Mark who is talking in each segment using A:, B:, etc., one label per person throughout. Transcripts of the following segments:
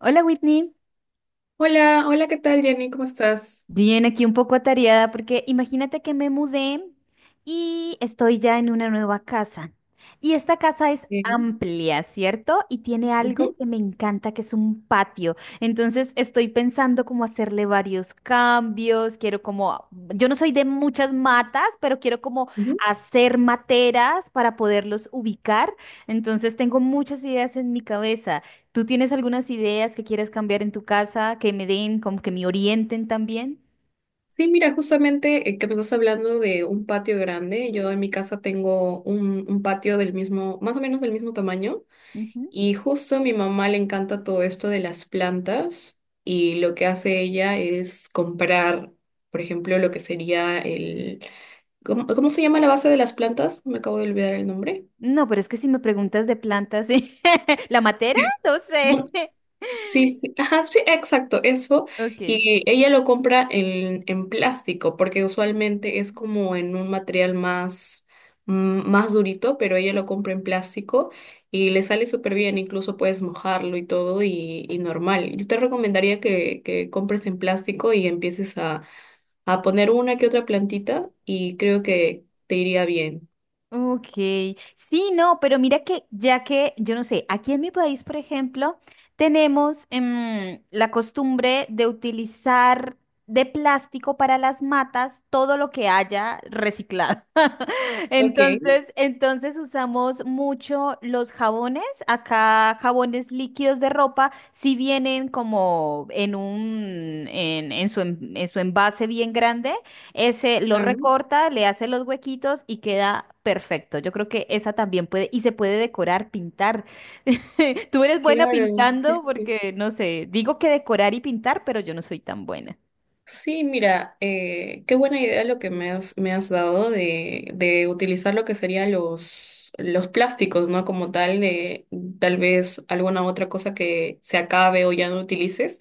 A: Hola Whitney,
B: Hola, hola, ¿qué tal, Jenny? ¿Cómo estás?
A: bien aquí un poco atareada porque imagínate que me mudé y estoy ya en una nueva casa. Y esta casa es
B: Bien.
A: amplia, ¿cierto? Y tiene algo
B: Ujú,
A: que me encanta, que es un patio. Entonces estoy pensando cómo hacerle varios cambios. Quiero como, yo no soy de muchas matas, pero quiero como
B: ujú.
A: hacer materas para poderlos ubicar. Entonces tengo muchas ideas en mi cabeza. ¿Tú tienes algunas ideas que quieras cambiar en tu casa, que me den, como que me orienten también?
B: Sí, mira, justamente que me estás hablando de un patio grande. Yo en mi casa tengo un patio del mismo, más o menos del mismo tamaño.
A: Ujú.
B: Y justo a mi mamá le encanta todo esto de las plantas. Y lo que hace ella es comprar, por ejemplo, lo que sería el... ¿Cómo se llama la base de las plantas? Me acabo de olvidar el nombre.
A: No, pero es que si me preguntas de plantas, ¿La matera? No sé.
B: Sí, sí, ajá, sí, exacto, eso.
A: Ok.
B: Y ella lo compra en plástico, porque usualmente es como en un material más, más durito, pero ella lo compra en plástico y le sale súper bien, incluso puedes mojarlo y todo y normal. Yo te recomendaría que compres en plástico y empieces a poner una que otra plantita y creo que te iría bien.
A: Ok, sí, no, pero mira que ya que, yo no sé, aquí en mi país, por ejemplo, tenemos la costumbre de utilizar de plástico para las matas todo lo que haya reciclado.
B: Ok,
A: Entonces, entonces usamos mucho los jabones, acá jabones líquidos de ropa, si vienen como en un, en su, en su envase bien grande ese lo
B: ah,
A: recorta, le hace los huequitos y queda perfecto. Yo creo que esa también puede, y se puede decorar, pintar. Tú eres buena
B: claro, sí,
A: pintando
B: sí, sí.
A: porque, no sé, digo que decorar y pintar, pero yo no soy tan buena.
B: Sí, mira, qué buena idea lo que me has dado de utilizar lo que serían los plásticos, ¿no? Como tal, de tal vez alguna otra cosa que se acabe o ya no utilices,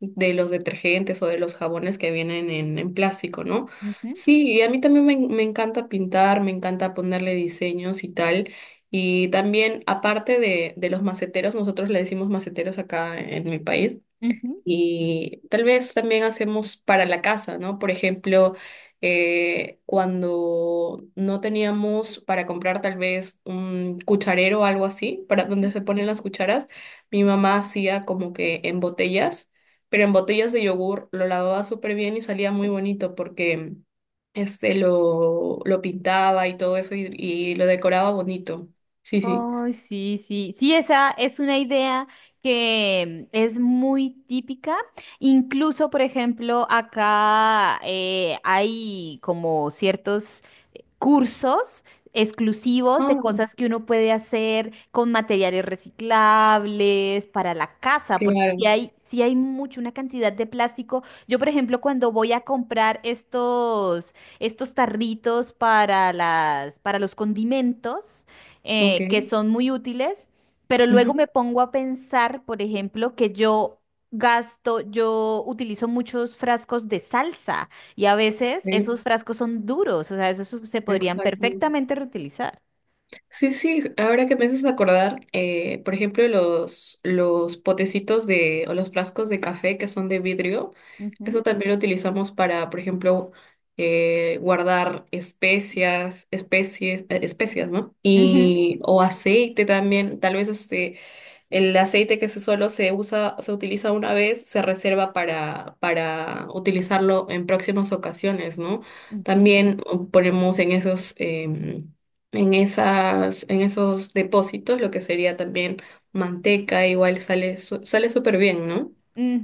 B: de los detergentes o de los jabones que vienen en plástico, ¿no?
A: Ujú,
B: Sí, y a mí también me encanta pintar, me encanta ponerle diseños y tal. Y también, aparte de los maceteros, nosotros le decimos maceteros acá en mi país
A: ujú.
B: y tal vez también hacemos para la casa, ¿no? Por ejemplo, cuando no teníamos para comprar tal vez un cucharero o algo así, para donde se ponen las cucharas, mi mamá hacía como que en botellas, pero en botellas de yogur lo lavaba súper bien y salía muy bonito porque este lo pintaba y todo eso y lo decoraba bonito. Sí, sí.
A: Ay, sí, sí, sí, esa es una idea que es muy típica. Incluso, por ejemplo, acá hay como ciertos cursos exclusivos de
B: Ah,
A: cosas que uno puede hacer con materiales reciclables para la casa, porque
B: claro,
A: si hay, sí hay mucho, una cantidad de plástico. Yo, por ejemplo, cuando voy a comprar estos, estos tarritos para las, para los condimentos, que
B: ok.
A: son muy útiles, pero
B: Ujú,
A: luego me pongo a pensar, por ejemplo, que yo gasto, yo utilizo muchos frascos de salsa. Y a veces
B: sí,
A: esos frascos son duros, o sea, se podrían
B: exacto.
A: perfectamente reutilizar.
B: Sí, sí, ahora que me haces acordar, por ejemplo, los potecitos de, o los frascos de café que son de vidrio,
A: Ujú,
B: eso también lo utilizamos para, por ejemplo, guardar especias, especies, especias, ¿no?
A: ujú,
B: Y, o aceite también, tal vez este, el aceite que se solo se usa, se utiliza una vez, se reserva para utilizarlo en próximas ocasiones, ¿no?
A: ujú,
B: También ponemos en esos, en esas, en esos depósitos lo que sería también manteca, igual sale, sale súper bien, ¿no?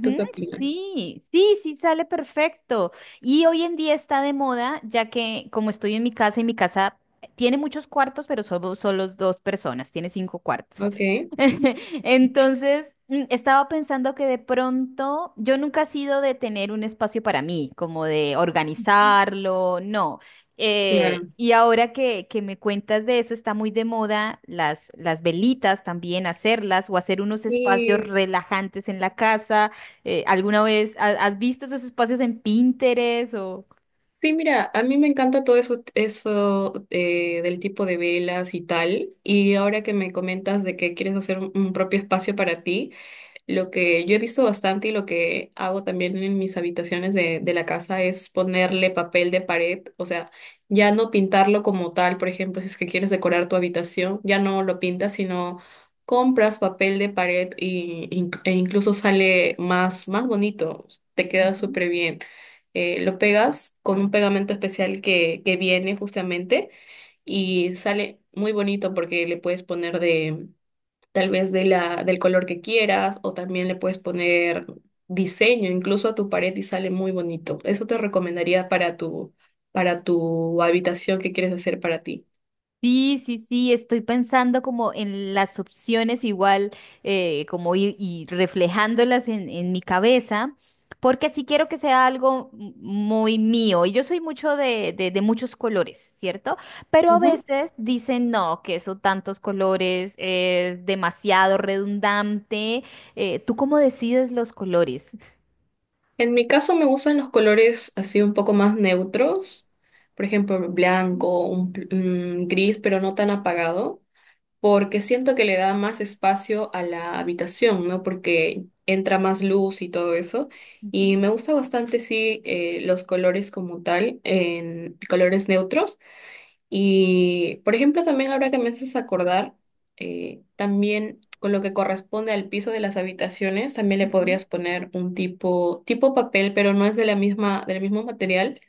B: ¿Tú qué opinas?
A: sí, sí, sí, sale perfecto. Y hoy en día está de moda, ya que como estoy en mi casa y mi casa tiene muchos cuartos, pero solo, solo dos personas, tiene cinco cuartos.
B: Ok,
A: Entonces, estaba pensando que de pronto yo nunca he sido de tener un espacio para mí, como de organizarlo, no.
B: claro.
A: Y ahora que me cuentas de eso, está muy de moda las velitas también, hacerlas o hacer unos espacios
B: Y
A: relajantes en la casa. ¿Alguna vez has visto esos espacios en Pinterest o...?
B: sí, mira, a mí me encanta todo eso, eso del tipo de velas y tal. Y ahora que me comentas de que quieres hacer un propio espacio para ti. Lo que yo he visto bastante y lo que hago también en mis habitaciones de la casa es ponerle papel de pared, o sea, ya no pintarlo como tal, por ejemplo, si es que quieres decorar tu habitación, ya no lo pintas, sino compras papel de pared y, e incluso sale más, más bonito, te queda
A: Ujú.
B: súper bien. Lo pegas con un pegamento especial que viene justamente y sale muy bonito porque le puedes poner tal vez de la, del color que quieras, o también le puedes poner diseño incluso a tu pared y sale muy bonito. Eso te recomendaría para tu habitación que quieres hacer para ti.
A: Sí, sí, sí, estoy pensando como en las opciones igual, como ir y reflejándolas en mi cabeza, porque sí quiero que sea algo muy mío. Y yo soy mucho de muchos colores, ¿cierto? Pero a
B: Ujú.
A: veces dicen, no, que eso tantos colores es demasiado redundante. ¿Tú cómo decides los colores?
B: En mi caso me gustan los colores así un poco más neutros, por ejemplo, blanco, un gris, pero no tan apagado, porque siento que le da más espacio a la habitación, ¿no? Porque entra más luz y todo eso. Y
A: Ujú,
B: me gusta bastante, sí, los colores como tal, en colores neutros. Y, por ejemplo, también ahora que me haces acordar, también con lo que corresponde al piso de las habitaciones, también le
A: ujú,
B: podrías poner un tipo, tipo papel, pero no es de la misma, del mismo material,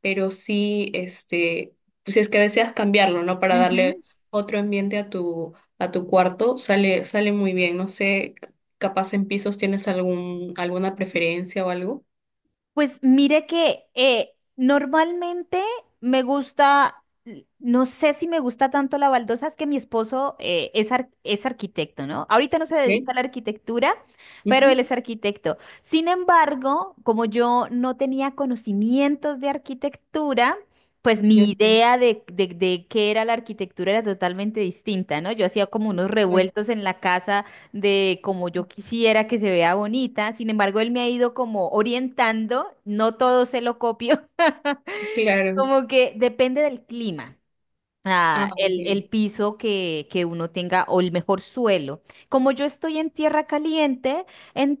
B: pero sí, este, pues si es que deseas cambiarlo, ¿no? Para darle
A: ujú.
B: otro ambiente a tu cuarto, sale, sale muy bien. No sé, capaz en pisos tienes algún, alguna preferencia o algo.
A: Pues mire que normalmente me gusta, no sé si me gusta tanto la baldosa, es que mi esposo es, es arquitecto, ¿no? Ahorita no se
B: Ok.
A: dedica a la arquitectura, pero
B: Ujú.
A: él es arquitecto. Sin embargo, como yo no tenía conocimientos de arquitectura, pues mi
B: Ok.
A: idea de qué era la arquitectura era totalmente distinta, ¿no? Yo hacía como unos
B: Exacto.
A: revueltos en la casa de como yo quisiera que se vea bonita. Sin embargo, él me ha ido como orientando, no todo se lo copio,
B: Claro.
A: como que depende del clima
B: Ah, ok.
A: el piso que uno tenga o el mejor suelo. Como yo estoy en tierra caliente,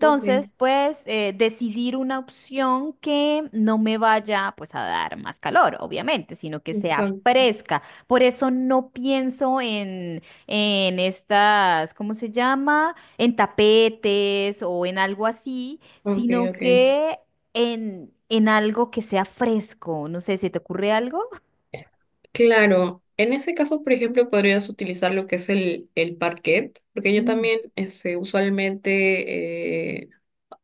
B: Ok.
A: pues decidir una opción que no me vaya pues a dar más calor, obviamente, sino que sea
B: Exacto.
A: fresca. Por eso no pienso en estas, ¿cómo se llama? ¿En tapetes o en algo así?,
B: Ok,
A: sino
B: ok.
A: que en algo que sea fresco. No sé, ¿se te ocurre algo?
B: Claro, en ese caso, por ejemplo, podrías utilizar lo que es el parquet, porque yo
A: Mm,
B: también este, usualmente, eh,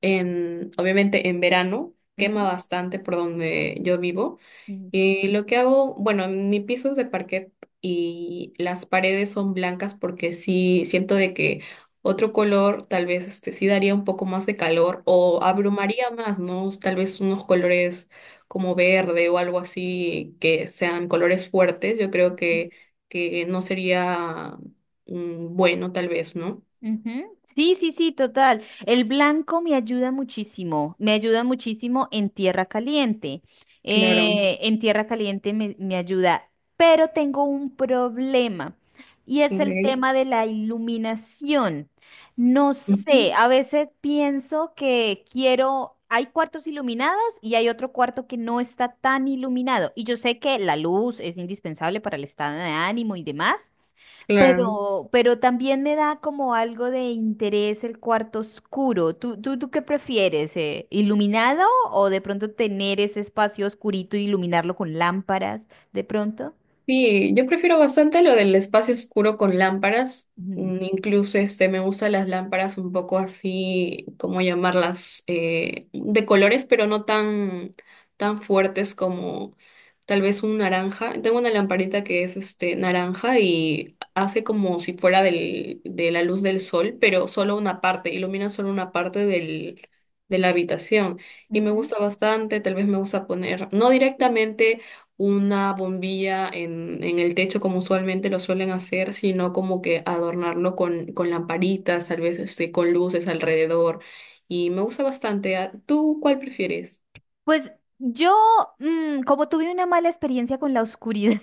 B: en, obviamente en verano, quema bastante por donde yo vivo.
A: ujú.
B: Y lo que hago, bueno, mi piso es de parquet y las paredes son blancas porque sí siento de que otro color tal vez este sí daría un poco más de calor o abrumaría más, ¿no? Tal vez unos colores como verde o algo así que sean colores fuertes, yo creo que no sería bueno tal vez, ¿no?
A: Ujú. Sí, sí, sí, total. El blanco me ayuda muchísimo en tierra caliente.
B: Claro,
A: En tierra caliente me, me ayuda, pero tengo un problema y es el
B: ok.
A: tema de la iluminación. No
B: Ujú,
A: sé, a veces pienso que quiero, hay cuartos iluminados y hay otro cuarto que no está tan iluminado. Y yo sé que la luz es indispensable para el estado de ánimo y demás.
B: claro.
A: Pero también me da como algo de interés el cuarto oscuro. ¿Tú, tú, tú qué prefieres? ¿Iluminado o de pronto tener ese espacio oscurito y iluminarlo con lámparas de pronto?
B: Sí, yo prefiero bastante lo del espacio oscuro con lámparas. Mm, incluso este me gustan las lámparas un poco así, ¿cómo llamarlas? De colores, pero no tan, tan fuertes como tal vez un naranja. Tengo una lamparita que es este naranja y hace como si fuera del, de la luz del sol, pero solo una parte, ilumina solo una parte del, de la habitación. Y me
A: Ujú.
B: gusta bastante, tal vez me gusta poner, no directamente una bombilla en el techo como usualmente lo suelen hacer, sino como que adornarlo con lamparitas, tal vez este, con luces alrededor. Y me gusta bastante. Ah, ¿Tú cuál prefieres?
A: Pues yo, como tuve una mala experiencia con la oscuridad,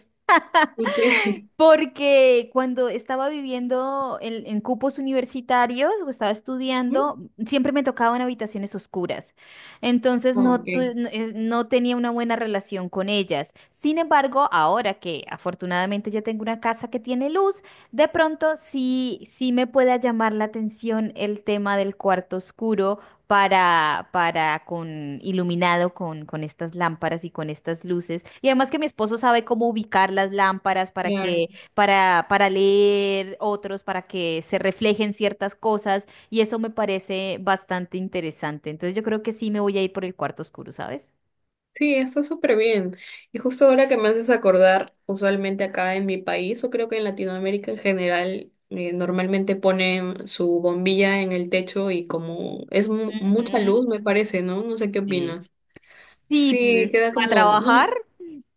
B: ¿Tú
A: porque cuando estaba viviendo en cupos universitarios o estaba estudiando, siempre me tocaban habitaciones oscuras. Entonces no,
B: Ok,
A: no no tenía una buena relación con ellas. Sin embargo, ahora que afortunadamente ya tengo una casa que tiene luz, de pronto sí, sí me pueda llamar la atención el tema del cuarto oscuro para con iluminado con estas lámparas y con estas luces. Y además que mi esposo sabe cómo ubicar las lámparas para
B: claro.
A: que, para leer otros, para que se reflejen ciertas cosas, y eso me parece bastante interesante. Entonces yo creo que sí me voy a ir por el cuarto oscuro, ¿sabes?
B: Sí, está súper bien. Y justo ahora que me haces acordar, usualmente acá en mi país, o creo que en Latinoamérica en general, normalmente ponen su bombilla en el techo y como es mucha luz,
A: Ujú.
B: me parece, ¿no? No sé qué
A: Sí.
B: opinas.
A: Sí,
B: Sí,
A: pues
B: queda
A: para
B: como, no,
A: trabajar.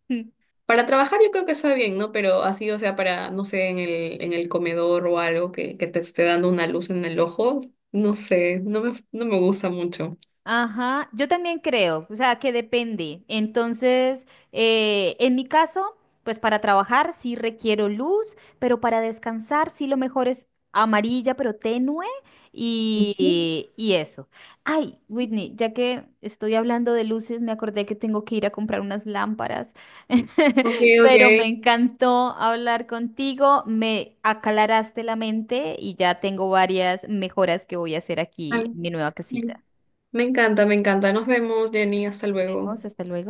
B: para trabajar yo creo que está bien, ¿no? Pero así, o sea, para, no sé, en el comedor o algo que te esté dando una luz en el ojo, no sé, no me gusta mucho.
A: Ajá, yo también creo, o sea, que depende. Entonces, en mi caso, pues para trabajar sí requiero luz, pero para descansar sí lo mejor es amarilla, pero tenue
B: Ujú.
A: y eso. Ay, Whitney, ya que estoy hablando de luces, me acordé que tengo que ir a comprar unas lámparas,
B: Ok, ok.
A: pero me encantó hablar contigo, me aclaraste la mente y ya tengo varias mejoras que voy a hacer aquí
B: Ay,
A: en mi nueva
B: Me
A: casita.
B: me encanta, me encanta. Nos vemos, Jenny, hasta
A: Nos
B: luego.
A: vemos, hasta luego.